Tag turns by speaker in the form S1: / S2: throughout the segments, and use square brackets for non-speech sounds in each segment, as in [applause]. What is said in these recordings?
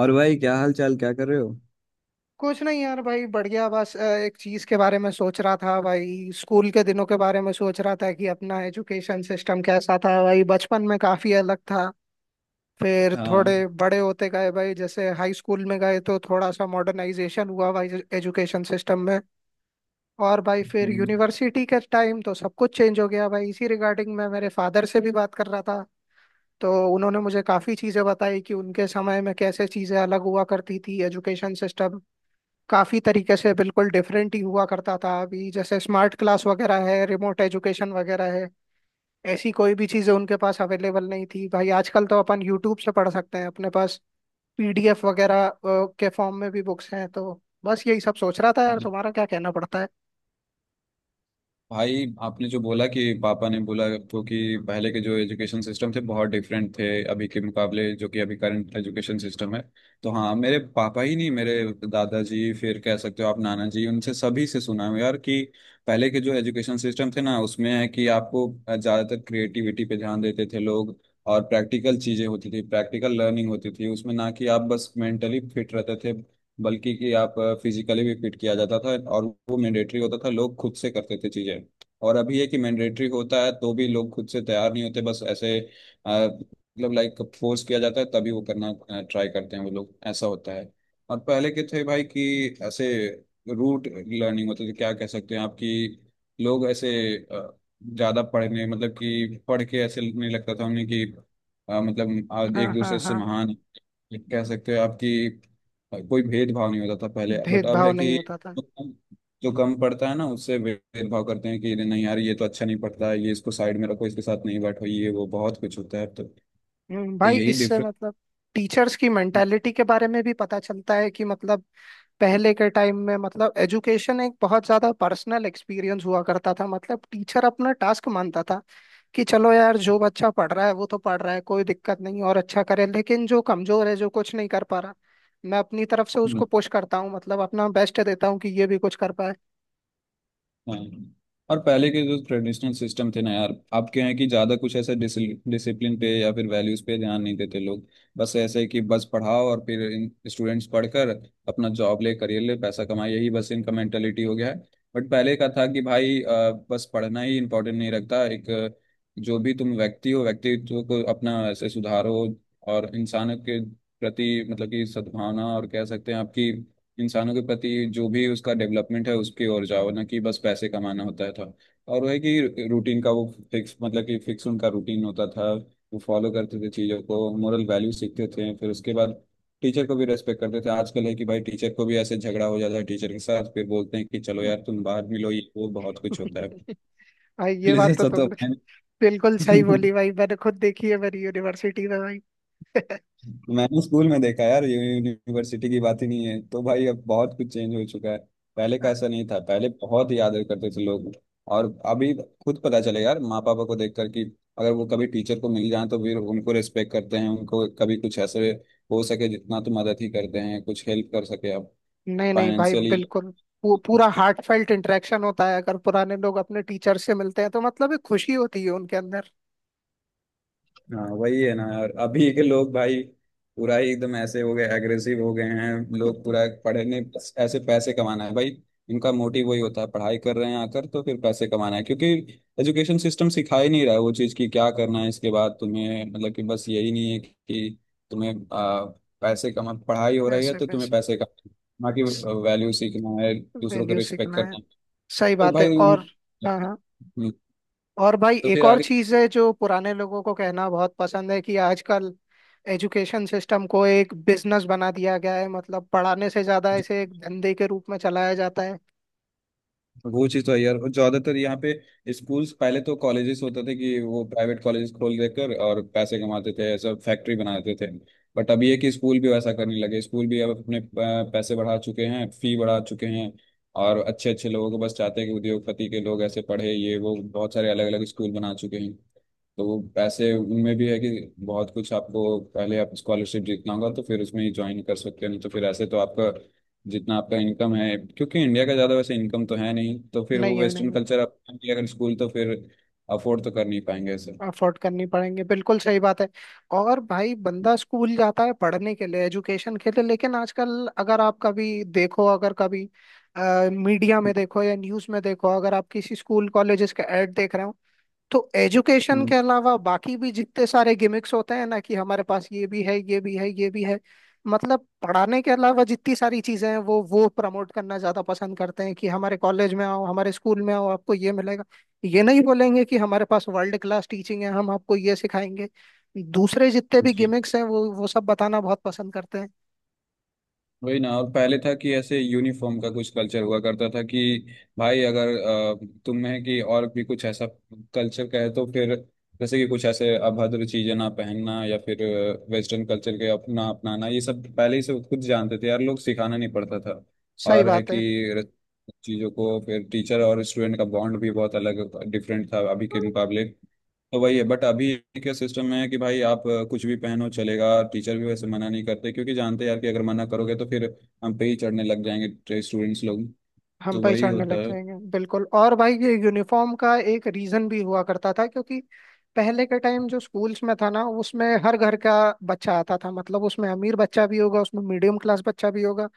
S1: और भाई, क्या हाल चाल? क्या कर रहे हो?
S2: कुछ नहीं यार भाई बढ़ गया। बस एक चीज के बारे में सोच रहा था भाई। स्कूल के दिनों के बारे में सोच रहा था कि अपना एजुकेशन सिस्टम कैसा था। भाई बचपन में काफी अलग था। फिर
S1: हाँ।
S2: थोड़े बड़े होते गए भाई, जैसे हाई स्कूल में गए तो थोड़ा सा मॉडर्नाइजेशन हुआ भाई एजुकेशन सिस्टम में। और भाई फिर
S1: हम्म।
S2: यूनिवर्सिटी के टाइम तो सब कुछ चेंज हो गया। भाई इसी रिगार्डिंग मैं मेरे फादर से भी बात कर रहा था। तो उन्होंने मुझे काफी चीजें बताई कि उनके समय में कैसे चीजें अलग हुआ करती थी। एजुकेशन सिस्टम काफी तरीके से बिल्कुल डिफरेंट ही हुआ करता था। अभी जैसे स्मार्ट क्लास वगैरह है, रिमोट एजुकेशन वगैरह है, ऐसी कोई भी चीजें उनके पास अवेलेबल नहीं थी। भाई आजकल तो अपन यूट्यूब से पढ़ सकते हैं, अपने पास पीडीएफ वगैरह के फॉर्म में भी बुक्स हैं। तो बस यही सब सोच रहा था यार, तुम्हारा क्या कहना पड़ता है।
S1: भाई, आपने जो बोला कि पापा ने बोला आपको कि पहले के जो एजुकेशन सिस्टम थे बहुत डिफरेंट थे अभी के मुकाबले, जो कि अभी करंट एजुकेशन सिस्टम है। तो हाँ, मेरे पापा ही नहीं, मेरे दादाजी, फिर कह सकते हो आप नाना जी, उनसे सभी से सुना है यार कि पहले के जो एजुकेशन सिस्टम थे ना, उसमें है कि आपको ज़्यादातर क्रिएटिविटी पे ध्यान देते थे लोग। और प्रैक्टिकल चीज़ें होती थी, प्रैक्टिकल लर्निंग होती थी उसमें। ना कि आप बस मेंटली फिट रहते थे, बल्कि कि आप फिजिकली भी फिट किया जाता था। और वो मैंडेटरी होता था, लोग खुद से करते थे चीजें। और अभी है कि मैंडेटरी होता है तो भी लोग खुद से तैयार नहीं होते, बस ऐसे मतलब लाइक फोर्स किया जाता है तभी वो करना ट्राई करते हैं वो लोग, ऐसा होता है। और पहले के थे भाई कि ऐसे रूट लर्निंग होती थी, क्या कह सकते हैं आपकी। लोग ऐसे अ, ज्यादा पढ़ने, मतलब कि पढ़ के ऐसे नहीं लगता था उन्हें कि मतलब
S2: हाँ
S1: एक
S2: हाँ
S1: दूसरे से
S2: हाँ।
S1: महान कह सकते हो आपकी। कोई भेदभाव नहीं होता था पहले, बट अब
S2: भेदभाव
S1: है कि
S2: नहीं होता था।
S1: जो कम जो कम पढ़ता है ना, उससे भेदभाव करते हैं कि नहीं यार, ये तो अच्छा नहीं पढ़ता है, ये इसको साइड में रखो, इसके साथ नहीं बैठो, ये वो बहुत कुछ होता है अब तो। तो
S2: भाई
S1: यही
S2: इससे मतलब टीचर्स की
S1: डिफरेंस।
S2: मेंटालिटी के बारे में भी पता चलता है कि मतलब पहले के टाइम में मतलब एजुकेशन एक बहुत ज्यादा पर्सनल एक्सपीरियंस हुआ करता था। मतलब टीचर अपना टास्क मानता था कि चलो यार, जो बच्चा पढ़ रहा है वो तो पढ़ रहा है, कोई दिक्कत नहीं और अच्छा करे, लेकिन जो कमजोर है, जो कुछ नहीं कर पा रहा, मैं अपनी तरफ से उसको पुश करता हूँ। मतलब अपना बेस्ट देता हूँ कि ये भी कुछ कर पाए।
S1: हाँ। और पहले के जो ट्रेडिशनल सिस्टम थे ना यार, आपके यहाँ की ज्यादा कुछ ऐसे डिसिप्लिन पे या फिर वैल्यूज पे ध्यान नहीं देते लोग। बस ऐसे कि बस पढ़ाओ और फिर स्टूडेंट्स पढ़कर अपना जॉब ले, करियर ले, पैसा कमाए, यही बस इनका मेंटेलिटी हो गया है। बट पहले का था कि भाई बस पढ़ना ही इम्पोर्टेंट नहीं रखता, एक जो भी तुम व्यक्ति हो, व्यक्तित्व को अपना ऐसे सुधारो और इंसानों के प्रति, मतलब कि सद्भावना और कह सकते हैं आपकी, इंसानों के प्रति जो भी उसका डेवलपमेंट है उसकी ओर जाओ, ना कि बस पैसे कमाना होता था। और वह है कि रूटीन का वो फिक्स, मतलब कि फिक्स उनका रूटीन होता था। वो फॉलो करते थे चीज़ों को, मोरल वैल्यू सीखते थे, फिर उसके बाद टीचर को भी रेस्पेक्ट करते थे। आजकल है कि भाई टीचर को भी ऐसे झगड़ा हो जाता है, टीचर के साथ फिर बोलते हैं कि चलो यार तुम बाहर मिलो, ये वो बहुत कुछ होता है।
S2: [laughs] भाई ये
S1: [laughs]
S2: बात तो
S1: जैसा तो
S2: तुमने
S1: है।
S2: बिल्कुल सही
S1: नहीं।
S2: बोली भाई, मैंने खुद देखी है मेरी यूनिवर्सिटी में भाई।
S1: मैंने स्कूल में देखा यार, यूनिवर्सिटी की बात ही नहीं है, तो भाई अब बहुत कुछ चेंज हो चुका है। पहले का ऐसा
S2: [laughs]
S1: नहीं था, पहले बहुत याद करते थे लोग। और अभी खुद पता चलेगा यार, माँ पापा को देख कर कि अगर वो कभी टीचर को मिल जाए तो फिर उनको रिस्पेक्ट करते हैं, उनको कभी कुछ ऐसे हो सके जितना तो मदद ही करते हैं, कुछ हेल्प कर सके आप
S2: नहीं नहीं भाई,
S1: फाइनेंशियली।
S2: बिल्कुल वो पूरा हार्ट फेल्ट इंटरेक्शन होता है। अगर पुराने लोग अपने टीचर से मिलते हैं तो मतलब एक खुशी होती है उनके अंदर।
S1: हाँ वही है ना यार, अभी के लोग भाई पूरा ही एकदम ऐसे हो गए, एग्रेसिव हो गए हैं लोग पूरा।
S2: [laughs]
S1: पढ़ने ऐसे पैसे कमाना है भाई, इनका मोटिव वही होता है, पढ़ाई कर रहे हैं आकर तो फिर पैसे कमाना है। क्योंकि एजुकेशन सिस्टम सिखा ही नहीं रहा है वो चीज़ कि क्या करना है इसके बाद तुम्हें, मतलब कि बस यही नहीं है कि तुम्हें पैसे कमा, पढ़ाई हो रही है
S2: पैसे
S1: तो तुम्हें
S2: पैसे।
S1: पैसे कमा, ना कि वैल्यू सीखना है, दूसरों को
S2: वैल्यू
S1: रिस्पेक्ट
S2: सीखना है।
S1: करना है।
S2: सही
S1: तो
S2: बात है।
S1: भाई उन।
S2: और हाँ हाँ।
S1: हम्म।
S2: और भाई
S1: तो
S2: एक
S1: फिर
S2: और
S1: आगे
S2: चीज है जो पुराने लोगों को कहना बहुत पसंद है कि आजकल एजुकेशन सिस्टम को एक बिजनेस बना दिया गया है। मतलब पढ़ाने से ज्यादा इसे एक धंधे के रूप में चलाया जाता है।
S1: वो चीज तो है यार। और ज्यादातर यहाँ पे स्कूल्स, पहले तो कॉलेजेस होते थे कि वो प्राइवेट कॉलेजेस खोल देकर और पैसे कमाते थे, ऐसा फैक्ट्री बना देते थे। बट अब ये कि स्कूल भी वैसा करने लगे, स्कूल भी अब अपने पैसे बढ़ा चुके हैं, फी बढ़ा चुके हैं। और अच्छे अच्छे लोगों को बस चाहते हैं कि उद्योगपति के लोग ऐसे पढ़े, ये वो बहुत सारे अलग अलग स्कूल बना चुके हैं। तो वो पैसे उनमें भी है कि बहुत कुछ आपको, पहले आप स्कॉलरशिप जीतना होगा तो फिर उसमें ही ज्वाइन कर सकते हैं, नहीं तो फिर ऐसे तो आपका जितना आपका इनकम है, क्योंकि इंडिया का ज़्यादा वैसे इनकम तो है नहीं, तो फिर
S2: नहीं
S1: वो
S2: है
S1: वेस्टर्न
S2: नहीं।
S1: कल्चर, आप अगर स्कूल तो फिर अफोर्ड तो कर नहीं पाएंगे सर।
S2: अफोर्ड करनी पड़ेंगे, बिल्कुल सही बात है। और भाई बंदा स्कूल जाता है पढ़ने के लिए, एजुकेशन के लिए, लेकिन आजकल अगर आप कभी देखो, अगर कभी मीडिया में देखो या न्यूज़ में देखो, अगर आप किसी स्कूल कॉलेजेस का एड देख रहे हो तो एजुकेशन
S1: हम्म।
S2: के अलावा बाकी भी जितने सारे गिमिक्स होते हैं ना कि हमारे पास ये भी है, ये भी है, ये भी है। मतलब पढ़ाने के अलावा जितनी सारी चीजें हैं वो प्रमोट करना ज्यादा पसंद करते हैं कि हमारे कॉलेज में आओ, हमारे स्कूल में आओ, आपको ये मिलेगा। ये नहीं बोलेंगे कि हमारे पास वर्ल्ड क्लास टीचिंग है, हम आपको ये सिखाएंगे। दूसरे जितने भी
S1: जी।
S2: गिमिक्स हैं वो सब बताना बहुत पसंद करते हैं।
S1: वही ना, और पहले था कि ऐसे यूनिफॉर्म का कुछ कल्चर हुआ करता था कि भाई अगर तुम्हें कि और भी कुछ ऐसा कल्चर का है तो फिर जैसे कि कुछ ऐसे अभद्र चीजें ना पहनना या फिर वेस्टर्न कल्चर के अपना अपनाना, ये सब पहले ही से खुद जानते थे यार लोग, सिखाना नहीं पड़ता था।
S2: सही
S1: और है
S2: बात
S1: कि चीजों को फिर टीचर और स्टूडेंट का बॉन्ड भी बहुत अलग, डिफरेंट था अभी
S2: है।
S1: के मुकाबले। तो वही है, बट अभी के सिस्टम में है कि भाई आप कुछ भी पहनो चलेगा, टीचर भी वैसे मना नहीं करते क्योंकि जानते हैं यार कि अगर मना करोगे तो फिर हम पे ही चढ़ने लग जाएंगे स्टूडेंट्स लोग।
S2: हम
S1: तो वही
S2: पहचानने लग
S1: होता है।
S2: जाएंगे बिल्कुल। और भाई ये यूनिफॉर्म का एक रीजन भी हुआ करता था क्योंकि पहले के टाइम जो स्कूल्स में था ना, उसमें हर घर का बच्चा आता था। मतलब उसमें अमीर बच्चा भी होगा, उसमें मीडियम क्लास बच्चा भी होगा,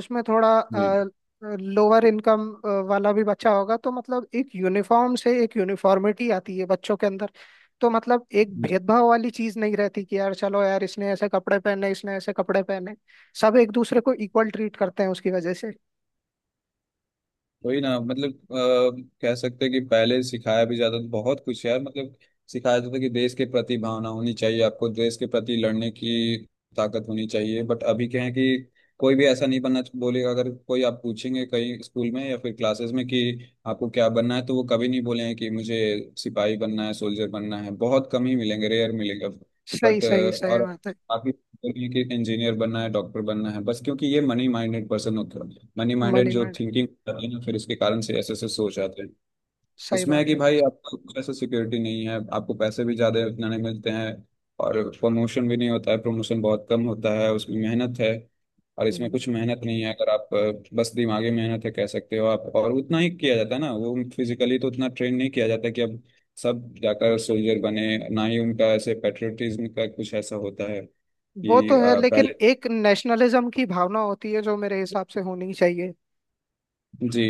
S2: उसमें थोड़ा
S1: वही।
S2: लोअर इनकम वाला भी बच्चा होगा। तो मतलब एक यूनिफॉर्म से एक यूनिफॉर्मिटी आती है बच्चों के अंदर। तो मतलब एक भेदभाव वाली चीज नहीं रहती कि यार चलो यार इसने ऐसे कपड़े पहने, इसने ऐसे कपड़े पहने। सब एक दूसरे को इक्वल ट्रीट करते हैं उसकी वजह से।
S1: वही ना, मतलब कह सकते हैं कि पहले सिखाया भी जाता था बहुत कुछ यार, मतलब सिखाया जाता था कि देश के प्रति भावना होनी चाहिए आपको, देश के प्रति लड़ने की ताकत होनी चाहिए। बट अभी क्या है कि कोई भी ऐसा नहीं बनना बोलेगा, अगर कोई आप पूछेंगे कहीं स्कूल में या फिर क्लासेस में कि आपको क्या बनना है तो वो कभी नहीं बोलेंगे कि मुझे सिपाही बनना है, सोल्जर बनना है, बहुत कम ही मिलेंगे, रेयर मिलेगा।
S2: सही
S1: बट
S2: सही सही
S1: और
S2: बात है।
S1: काफी नहीं कि इंजीनियर बनना है, डॉक्टर बनना है बस, क्योंकि ये मनी माइंडेड पर्सन होते हैं, मनी माइंडेड
S2: मनी
S1: जो
S2: माइंड।
S1: थिंकिंग होती है ना, फिर इसके कारण से ऐसे ऐसे सोच आते हैं।
S2: सही
S1: उसमें है
S2: बात
S1: कि
S2: है।
S1: भाई आपको कुछ ऐसा सिक्योरिटी नहीं है, आपको पैसे भी ज़्यादा इतना नहीं मिलते हैं और प्रमोशन भी नहीं होता है, प्रमोशन बहुत कम होता है, उसमें मेहनत है। और इसमें
S2: हम्म,
S1: कुछ मेहनत नहीं है अगर आप, बस दिमागी मेहनत है कह सकते हो आप, और उतना ही किया जाता है ना, वो फिजिकली तो उतना ट्रेन नहीं किया जाता कि अब सब जाकर सोल्जर बने, ना ही उनका ऐसे पेट्रियटिज्म का कुछ ऐसा होता है
S2: वो तो
S1: कि
S2: है, लेकिन
S1: पहले।
S2: एक नेशनलिज्म की भावना होती है जो मेरे हिसाब से होनी चाहिए।
S1: जी।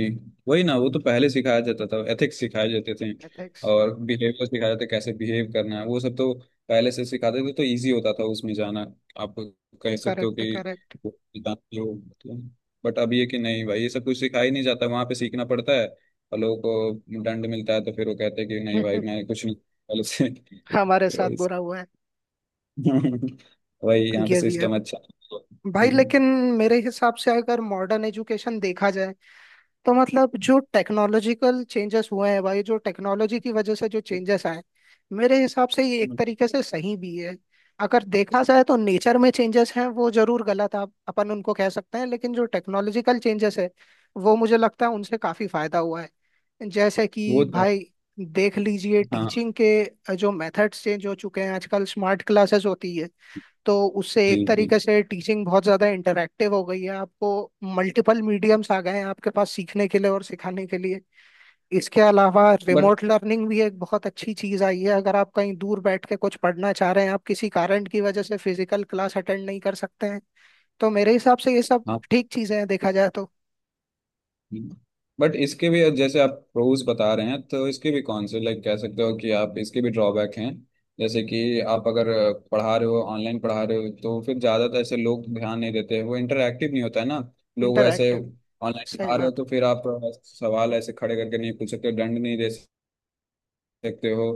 S1: वही ना, वो तो पहले सिखाया जाता था, एथिक्स सिखाए जाते थे
S2: एथिक्स।
S1: और बिहेवियर सिखाया जाता था, कैसे बिहेव करना है वो सब तो पहले से सिखाते थे तो इजी होता था उसमें जाना। आप कह सकते हो
S2: करेक्ट
S1: कि
S2: करेक्ट।
S1: वो जानते हो, बट अब ये कि नहीं भाई ये सब कुछ सिखाया ही नहीं जाता, वहां पे सीखना पड़ता है और लोगों को दंड मिलता है तो फिर वो कहते हैं कि नहीं भाई
S2: [laughs]
S1: मैं कुछ नहीं, पहले से
S2: हमारे
S1: तो।
S2: साथ
S1: वही।
S2: बुरा हुआ है।
S1: [laughs] वही यहाँ पे
S2: ये भी है।
S1: सिस्टम अच्छा है।
S2: भाई
S1: हम्म।
S2: लेकिन मेरे हिसाब से अगर मॉडर्न एजुकेशन देखा जाए तो मतलब जो टेक्नोलॉजिकल चेंजेस हुए हैं भाई, जो टेक्नोलॉजी की वजह से जो चेंजेस आए, मेरे हिसाब से ये एक तरीके से सही भी है। अगर देखा जाए तो नेचर में चेंजेस हैं वो जरूर गलत आप अपन उनको कह सकते हैं, लेकिन जो टेक्नोलॉजिकल चेंजेस है, वो मुझे लगता है उनसे काफी फायदा हुआ है। जैसे कि
S1: वो तो है।
S2: भाई देख लीजिए
S1: हाँ
S2: टीचिंग के जो मेथड्स चेंज हो चुके हैं, आजकल स्मार्ट क्लासेस होती है। तो उससे
S1: जी।
S2: एक
S1: जी।
S2: तरीके से टीचिंग बहुत ज़्यादा इंटरैक्टिव हो गई है, आपको मल्टीपल मीडियम्स आ गए हैं आपके पास सीखने के लिए और सिखाने के लिए। इसके अलावा
S1: बट
S2: रिमोट लर्निंग भी एक बहुत अच्छी चीज़ आई है, अगर आप कहीं दूर बैठ के कुछ पढ़ना चाह रहे हैं, आप किसी कारण की वजह से फिजिकल क्लास अटेंड नहीं कर सकते हैं। तो मेरे हिसाब से ये सब
S1: हाँ,
S2: ठीक चीज़ें हैं देखा जाए तो।
S1: बट इसके भी जैसे आप प्रोज बता रहे हैं तो इसके भी कौन से, लाइक कह सकते हो कि आप, इसके भी ड्रॉबैक हैं। जैसे कि आप अगर पढ़ा रहे हो, ऑनलाइन पढ़ा रहे हो तो फिर ज़्यादातर ऐसे लोग ध्यान नहीं देते, वो इंटरेक्टिव नहीं होता है ना। लोग ऐसे
S2: इंटरैक्टिव।
S1: ऑनलाइन
S2: सही
S1: पढ़ा रहे हो
S2: बात
S1: तो फिर आप सवाल ऐसे खड़े करके नहीं पूछ सकते, दंड नहीं दे सकते हो,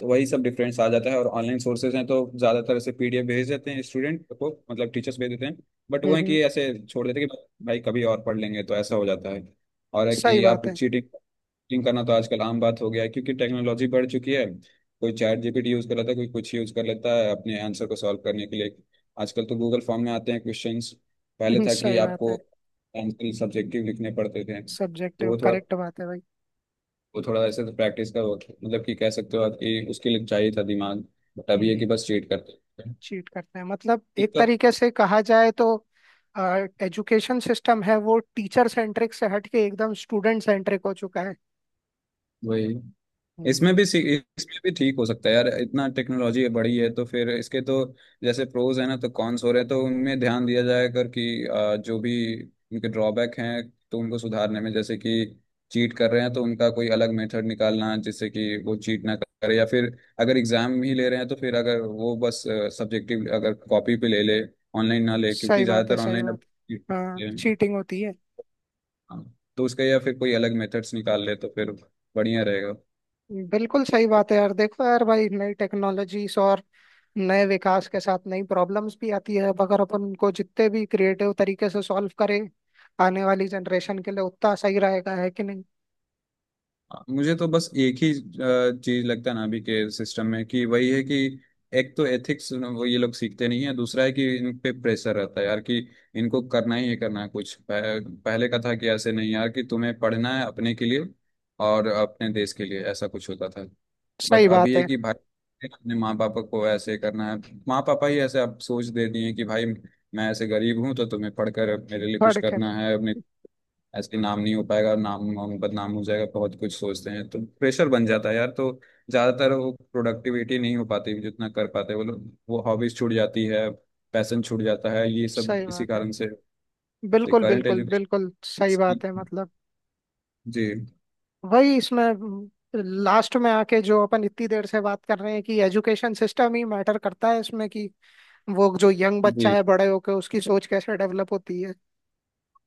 S1: तो वही सब डिफरेंस आ जाता है। और ऑनलाइन सोर्सेज हैं तो ज़्यादातर ऐसे पीडीएफ भेज देते हैं स्टूडेंट को, मतलब टीचर्स भेज देते हैं। बट
S2: है।
S1: वो है कि ऐसे छोड़ देते हैं कि भाई कभी और पढ़ लेंगे, तो ऐसा हो जाता है। और है
S2: सही
S1: कि आप
S2: बात है।
S1: चीटिंग चीटिंग करना तो आजकल आम बात हो गया है क्योंकि टेक्नोलॉजी बढ़ चुकी है। कोई चैट जीपीटी यूज़ कर लेता है, कोई कुछ यूज़ कर लेता है अपने आंसर को सॉल्व करने के लिए। आजकल तो गूगल फॉर्म में आते हैं क्वेश्चंस।
S2: [laughs]
S1: पहले था कि
S2: सही बात
S1: आपको
S2: है।
S1: आंसर सब्जेक्टिव लिखने पड़ते थे, तो
S2: सब्जेक्टिव
S1: वो थोड़ा,
S2: करेक्ट बात है भाई।
S1: वो थोड़ा ऐसे तो प्रैक्टिस का वर्क, मतलब कि कह सकते हो आप कि उसके लिए चाहिए था दिमाग। बट अभी है कि
S2: हम्म
S1: बस चीट करते हैं।
S2: चीट करते हैं मतलब
S1: तो
S2: एक
S1: तब।
S2: तरीके से कहा जाए तो एजुकेशन सिस्टम है वो टीचर सेंट्रिक से हट के एकदम स्टूडेंट सेंट्रिक हो चुका है।
S1: वही।
S2: हम्म,
S1: इसमें भी सी- इसमें भी ठीक हो सकता है यार, इतना टेक्नोलॉजी बढ़ी है तो फिर इसके तो जैसे प्रोज है ना, तो कॉन्स हो रहे हैं तो उनमें ध्यान दिया जाए कर कि जो भी उनके ड्रॉबैक हैं तो उनको सुधारने में, जैसे कि चीट कर रहे हैं तो उनका कोई अलग मेथड निकालना जिससे कि वो चीट ना करे, या फिर अगर एग्जाम ही ले रहे हैं तो फिर अगर वो बस सब्जेक्टिव अगर कॉपी पे ले ले, ऑनलाइन ना ले क्योंकि
S2: सही बात है।
S1: ज़्यादातर
S2: सही
S1: ऑनलाइन
S2: बात
S1: अब cheat
S2: है। हाँ
S1: होते हैं।
S2: चीटिंग होती है।
S1: हाँ, तो उसका या फिर कोई अलग मेथड्स निकाल ले तो फिर बढ़िया रहेगा।
S2: बिल्कुल सही बात है यार, देखो यार भाई नई टेक्नोलॉजीज और नए विकास के साथ नई प्रॉब्लम्स भी आती है। अब अगर अपन उनको जितने भी क्रिएटिव तरीके से सॉल्व करें आने वाली जनरेशन के लिए उतना सही रहेगा, है कि नहीं।
S1: मुझे तो बस एक ही चीज लगता है ना अभी के सिस्टम में कि वही है कि एक तो एथिक्स वो ये लोग सीखते नहीं है, दूसरा है कि इन पे प्रेशर रहता है यार कि इनको करना ही है, करना है कुछ। पहले का था कि ऐसे नहीं यार कि तुम्हें पढ़ना है अपने के लिए और अपने देश के लिए, ऐसा कुछ होता था। बट
S2: सही
S1: अभी
S2: बात
S1: है
S2: है।
S1: कि भाई अपने माँ पापा को ऐसे करना है, माँ पापा ही ऐसे आप सोच दे दिए हैं कि भाई मैं ऐसे गरीब हूँ तो तुम्हें पढ़कर मेरे लिए कुछ
S2: पढ़ कर।
S1: करना है, अपने ऐसे नाम नहीं हो पाएगा, नाम हम बदनाम हो जाएगा, बहुत कुछ सोचते हैं तो प्रेशर बन जाता है यार। तो ज़्यादातर वो प्रोडक्टिविटी नहीं हो पाती जितना कर पाते वो लोग, वो हॉबीज छूट जाती है, पैसन छूट जाता है, ये सब
S2: सही
S1: इसी
S2: बात है।
S1: कारण से।
S2: बिल्कुल
S1: करंट
S2: बिल्कुल
S1: एजुकेशन।
S2: बिल्कुल सही
S1: जी।
S2: बात है। मतलब वही इसमें लास्ट में आके जो अपन इतनी देर से बात कर रहे हैं कि एजुकेशन सिस्टम ही मैटर करता है इसमें, कि वो जो यंग बच्चा
S1: जी।
S2: है बड़े होके उसकी सोच कैसे डेवलप होती है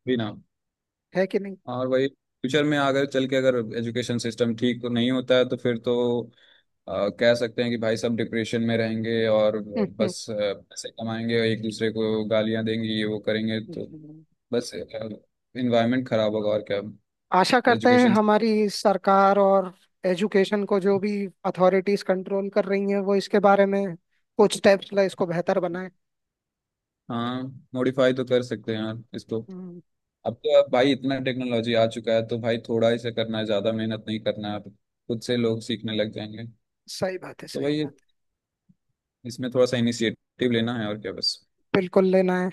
S1: जी ना।
S2: है कि नहीं।
S1: और वही फ्यूचर में अगर चल के अगर एजुकेशन सिस्टम ठीक नहीं होता है तो फिर तो कह सकते हैं कि भाई सब डिप्रेशन में रहेंगे और
S2: [laughs] हम्म, हम्म।
S1: बस पैसे कमाएंगे, एक दूसरे को गालियां देंगे, ये वो करेंगे, तो
S2: हम्म।
S1: बस इन्वायरमेंट खराब होगा, और क्या।
S2: आशा करते हैं
S1: एजुकेशन।
S2: हमारी सरकार और एजुकेशन को जो भी अथॉरिटीज कंट्रोल कर रही हैं वो इसके बारे में कुछ स्टेप्स ले, इसको बेहतर बनाए।
S1: हाँ मॉडिफाई तो कर सकते हैं यार इसको।
S2: हम्म,
S1: अब तो, अब भाई इतना टेक्नोलॉजी आ चुका है तो भाई थोड़ा ही से करना है, ज़्यादा मेहनत नहीं करना है अब, खुद से लोग सीखने लग जाएंगे।
S2: सही बात है।
S1: तो
S2: सही
S1: भाई
S2: बात है।
S1: इसमें थोड़ा सा इनिशिएटिव लेना है, और क्या बस।
S2: बिल्कुल लेना है।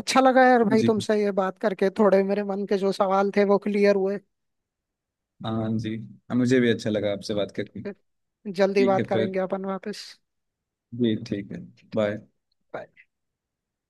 S2: अच्छा लगा यार भाई
S1: जी।
S2: तुमसे ये बात करके, थोड़े मेरे मन के जो सवाल थे वो क्लियर हुए।
S1: हाँ जी। हाँ, मुझे भी अच्छा लगा आपसे बात करके।
S2: फिर जल्दी
S1: ठीक है
S2: बात
S1: फिर।
S2: करेंगे अपन वापस।
S1: जी ठीक है। बाय।
S2: Bye.